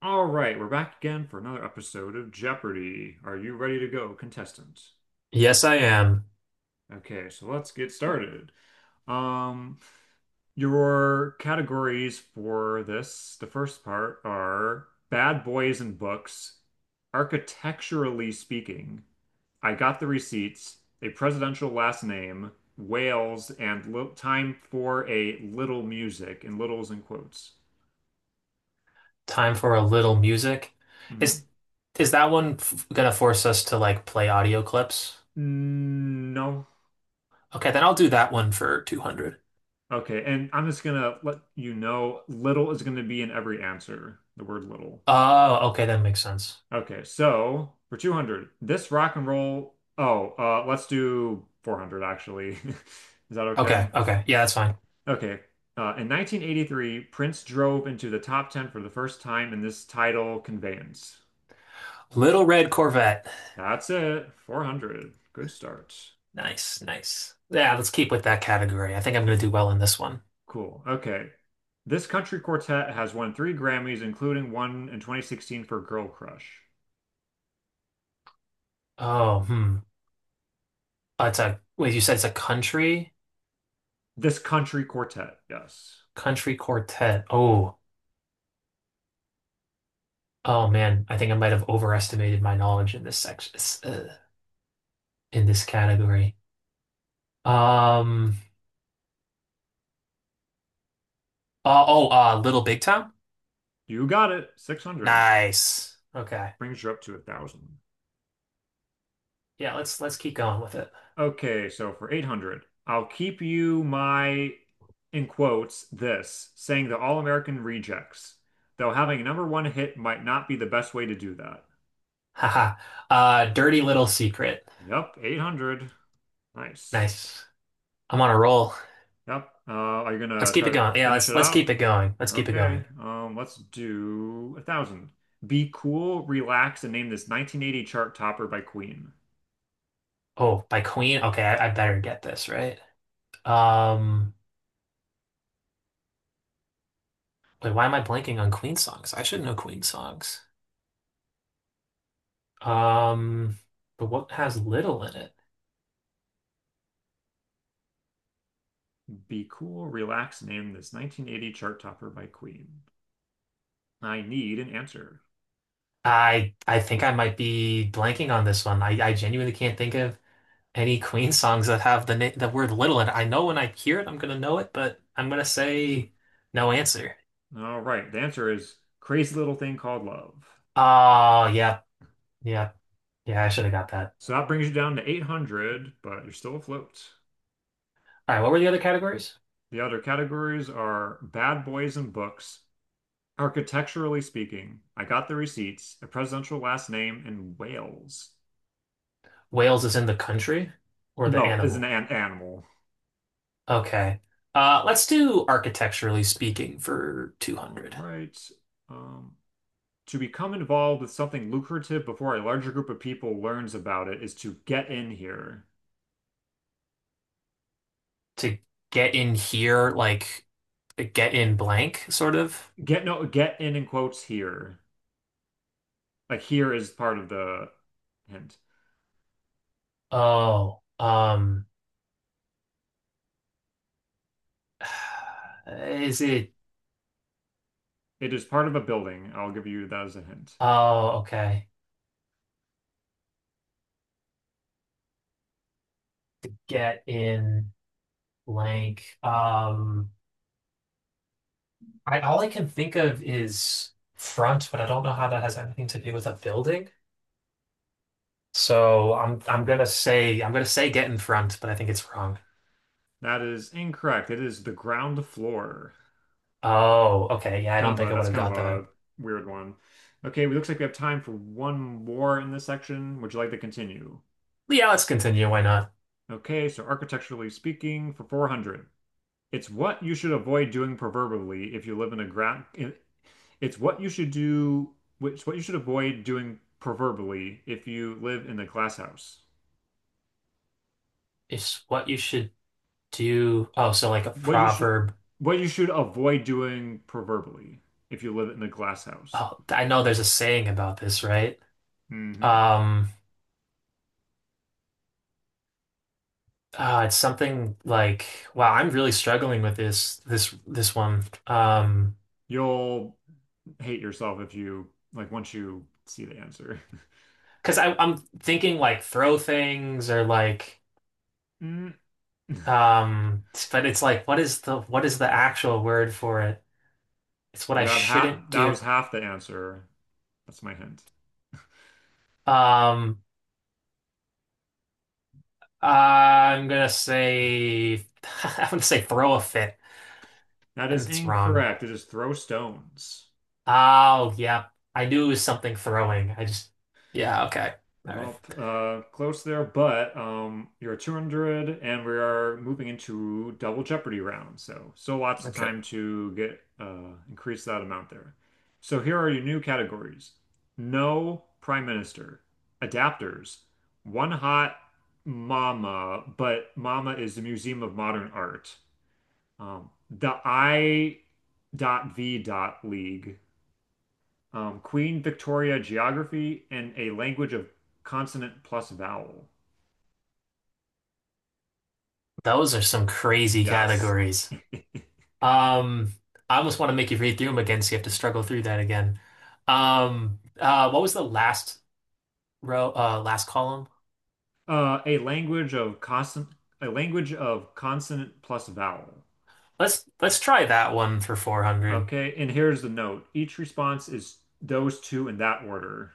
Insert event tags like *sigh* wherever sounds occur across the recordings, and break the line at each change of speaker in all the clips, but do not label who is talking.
All right, we're back again for another episode of Jeopardy. Are you ready to go, contestant?
Yes, I am.
Okay, so let's get started. Um, your categories for this, the first part, are bad boys and books, architecturally speaking, I got the receipts, a presidential last name, Wales, and li time for a little music, and littles in quotes.
Time for a little music.
Mhm.
Is is that one f gonna force us to like play audio clips?
Mm, no.
Okay, then I'll do that one for 200.
Okay, and I'm just gonna let you know little is gonna be in every answer. The word little.
Oh, okay, that makes sense.
Okay, so for 200, this rock and roll. Oh, let's do 400 actually. *laughs* Is that okay?
Okay, okay. Yeah, that's fine.
Okay. In 1983, Prince drove into the top 10 for the first time in this title conveyance.
Little Red Corvette.
That's it. 400. Good start.
Nice, nice. Yeah, let's keep with that category. I think I'm gonna do well in this one.
Cool. Okay. This country quartet has won three Grammys, including one in 2016 for Girl Crush.
Oh, hmm. Wait, you said it's a country?
This country quartet, yes.
Country quartet. Oh, oh man, I think I might have overestimated my knowledge uh, in this category. Um, oh, Little Big Town?
You got it. 600
Nice. Okay.
brings you up to a 1,000.
Yeah, let's keep going with it.
Okay, so for 800, I'll keep you my, in quotes, this, saying the All-American Rejects, though having a number one hit might not be the best way to do that.
*laughs* Haha. Dirty Little Secret.
Yep, 800. Nice.
Nice. I'm on a roll.
Yep. Are you
Let's
gonna
keep
try
it
to
going. Yeah,
finish
let's
it
let's
out?
keep it going. Let's keep it
Okay.
going.
Let's do a thousand. Be cool, relax, and name this 1980 chart topper by Queen.
Oh, by Queen. Okay, I better get this right. Um, wait, why am I blanking on Queen songs? I should know Queen songs. Um, but what has little in it?
Be cool, relax, named this 1980 chart topper by Queen. I need an answer.
I think I might be blanking on this one. I genuinely can't think of any Queen songs that have the word little in it. I know when I hear it, I'm gonna know it, but I'm gonna say no answer.
All right, the answer is Crazy Little Thing Called Love.
Oh, yeah, yeah, yeah. I should have got that.
So that brings you down to 800, but you're still afloat.
All right, what were the other categories?
The other categories are Bad Boys and Books, Architecturally Speaking, I Got the Receipts, A Presidential Last Name, and Whales.
Wales is in the country or the
No, is an,
animal?
an animal.
Okay. Let's do architecturally speaking for
All
200
right. Um, to become involved with something lucrative before a larger group of people learns about it is to get in here.
to get in here, like get in blank, sort of.
Get, no, get in quotes, here. Like, here is part of the hint.
Oh, *sighs* is it?
It is part of a building. I'll give you that as a hint.
Oh, okay. Get in. Blank. I all I can think of is front, but I don't know how that has anything to do with a building. So I'm gonna say I'm gonna say get in front, but I think it's wrong.
That is incorrect. It is the ground floor.
Oh, okay. Yeah, I don't
Kind of
think
a
I would
That's
have
kind of
got that.
a weird one. Okay, it looks like we have time for one more in this section. Would you like to continue?
Yeah, let's continue. Why not?
Okay, so architecturally speaking, for 400, it's what you should avoid doing proverbially if you live in a ground. It's what you should do, which, what you should avoid doing proverbially if you live in a glass house.
It's what you should do. Oh, so like a
what you should
proverb.
what you should avoid doing proverbially if you live in a glass house.
Oh, I know there's a saying about this, right?
Hmm.
Um, it's something like, wow, I'm really struggling with this one. Um,
You'll hate yourself if you like once you see the answer. *laughs*
because I'm thinking like throw things or like
Mm. You
um but it's like what is the actual word for it? It's what I
have half.
shouldn't
That
do.
was half the answer. That's my hint.
Um I'm gonna say *laughs* I'm gonna say throw a fit
That
and
is
it's wrong.
incorrect. It is throw stones.
Oh, yeah. I knew it was something throwing. I just yeah, okay. All right.
Well, close there, but you're at 200, and we are moving into double Jeopardy round. So, lots of
Okay.
time to get increase that amount there. So here are your new categories: No Prime Minister, Adapters, One Hot Mama, but Mama is the Museum of Modern Art. The I.V. League, Queen Victoria geography, and a language of consonant plus vowel.
Those are some crazy
Yes.
categories. Um I almost want to make you read through them again so you have to struggle through that again. What was the last column.
Uh, a language of consonant, a language of consonant plus vowel.
Let's try that one for 400.
Okay, and here's the note. Each response is those two in that order.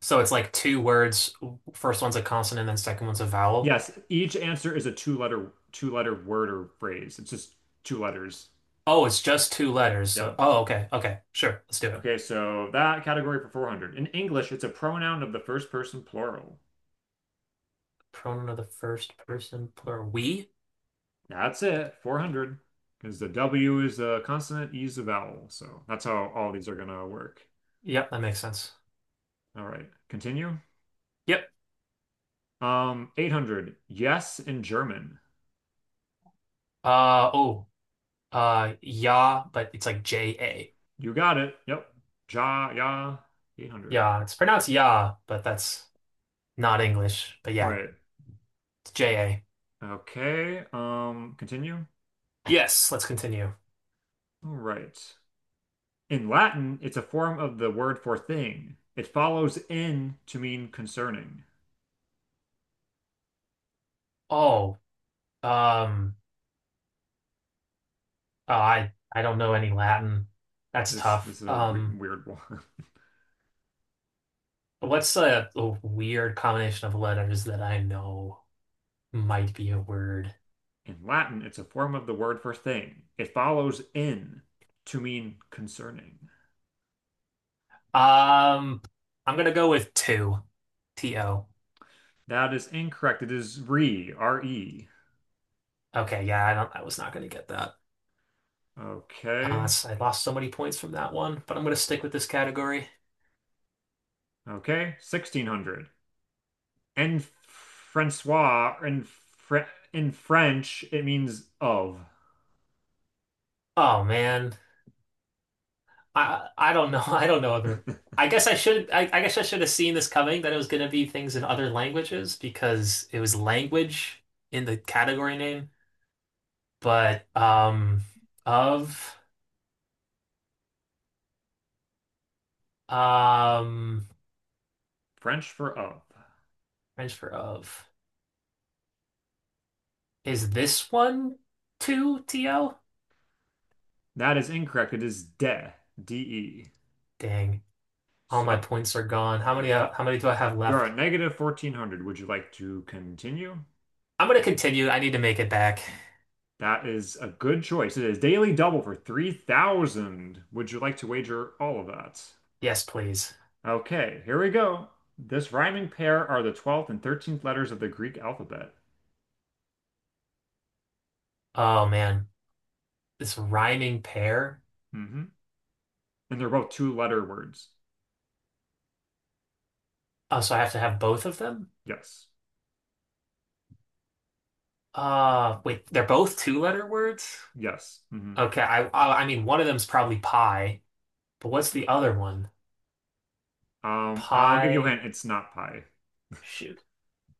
So it's like two words. First one's a consonant, then second one's a vowel.
Yes, each answer is a two-letter word or phrase. It's just two letters.
Oh, it's just two letters.
Yeah.
So, oh, okay, okay, sure. Let's do it.
Okay, so that category for 400. In English, it's a pronoun of the first person plural.
Pronoun of the first person plural. We?
That's it. 400. Because the W is a consonant, E is a vowel. So that's how all these are going to work.
Yep, that makes sense.
All right. Continue.
Yep.
800. Yes in German.
Uh oh. Yeah, but it's like ja.
You got it. Yep. Ja, ja. 800.
Yeah, it's pronounced yeah, but that's not English. But yeah,
Right.
it's ja.
Okay. Continue.
Yes, let's continue.
All right. In Latin, it's a form of the word for thing. It follows in to mean concerning.
Oh, um. Oh, I don't know any Latin. That's
This
tough.
this is a weird,
Um,
weird *laughs* one.
what's a weird combination of letters that I know might be a word?
In Latin, it's a form of the word for thing. It follows in to mean concerning.
Um, I'm gonna go with two, to.
That is incorrect. It is re, R-E.
Okay, yeah, I don't. I was not gonna get that.
Okay.
I lost so many points from that one, but I'm gonna stick with this category.
Okay. 1600. En Francois, in French, it means of.
Oh man, I don't know. *laughs* I don't know other.
*laughs*
I guess I should. I guess I should have seen this coming that it was gonna be things in other languages because it was language in the category name. But of um
French for of.
transfer of is this one two, T-O?
That is incorrect. It is de, D-E.
Dang, all my
So
points are gone. How many do I have
you are
left?
at negative 1400. Would you like to continue?
I'm gonna continue. I need to make it back.
That is a good choice. It is daily double for 3,000. Would you like to wager all of that?
Yes, please.
Okay, here we go. This rhyming pair are the 12th and 13th letters of the Greek alphabet.
Oh man, this rhyming pair.
Hmm. And they're both two-letter words.
Oh, so I have to have both of them?
Yes.
Wait, they're both two-letter words?
Yes. Hmm.
Okay, I mean one of them's probably pie, but what's the other one?
I'll give you a
Pie.
hint. It's not pie. *laughs*
Shoot.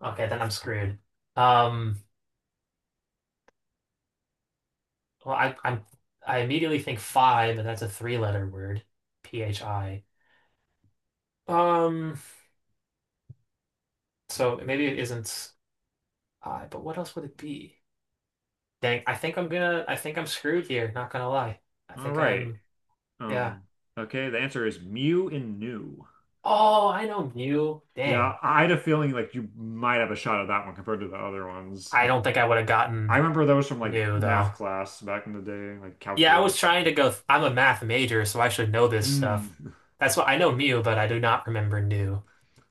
Okay, then I'm screwed. Um. Well, I immediately think phi, but that's a three-letter word, phi. Um, so maybe it isn't I, but what else would it be? Dang, I think I'm screwed here. Not gonna lie, I
All
think
right.
I'm, yeah.
Um, okay, the answer is Mew and new.
Oh, I know mu.
Yeah,
Dang,
I had a feeling like you might have a shot at that one compared to the other ones. *laughs*
I don't think I would have
I
gotten
remember those from like
mu
math
though.
class back in the day, like
Yeah, I was
calculus.
trying to go. I'm a math major, so I should know this stuff.
Hmm.
That's what I know mu, but I do not remember nu,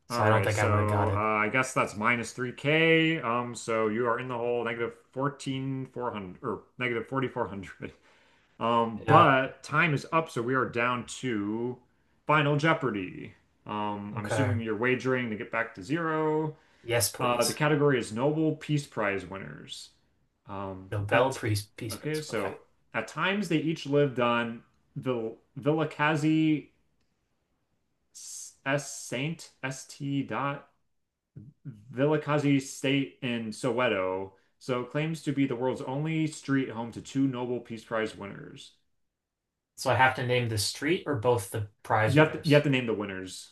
so
All
I don't
right,
think I would have
so
got it.
I guess that's minus 3K. So you are in the hole negative 14,400 or negative 4,400. *laughs*
Yeah.
But time is up, so we are down to Final Jeopardy. I'm
Okay.
assuming you're wagering to get back to zero.
Yes,
The
please.
category is Nobel Peace Prize winners.
Nobel
At
Peace
Okay,
Prize. Okay.
so at times they each lived on Vilakazi S Saint St. Vilakazi State in Soweto, so it claims to be the world's only street home to two Nobel Peace Prize winners.
So I have to name the street or both the prize
You have to, you have
winners.
to name the winners.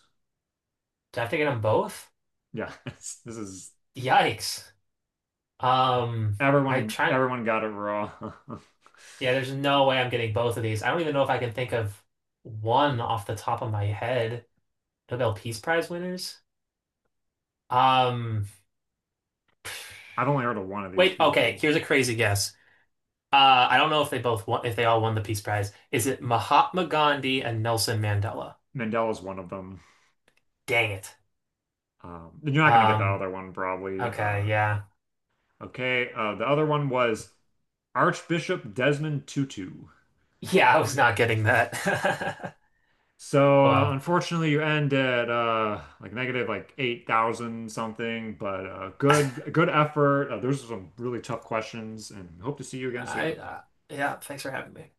Do I have to get them both?
Yeah, *laughs* this is
Yikes. Um, I
everyone
try.
everyone got it wrong. *laughs*
Yeah, there's no way I'm getting both of these. I don't even know if I can think of one off the top of my head. Nobel Peace Prize winners. Um,
I've only heard of one of these
wait. Okay,
people.
here's a crazy guess. I don't know if they all won the Peace Prize. Is it Mahatma Gandhi and Nelson Mandela?
Mandela's one of them.
Dang it.
You're not going to get the
Um,
other one probably.
okay,
Uh,
yeah.
okay, uh, the other one was Archbishop Desmond Tutu.
Yeah, I was not getting that. *laughs*
So
Well,
unfortunately, you end at like negative like 8,000 something, but good
*laughs*
good effort. Those are some really tough questions, and hope to see you again
I
soon.
yeah, thanks for having me.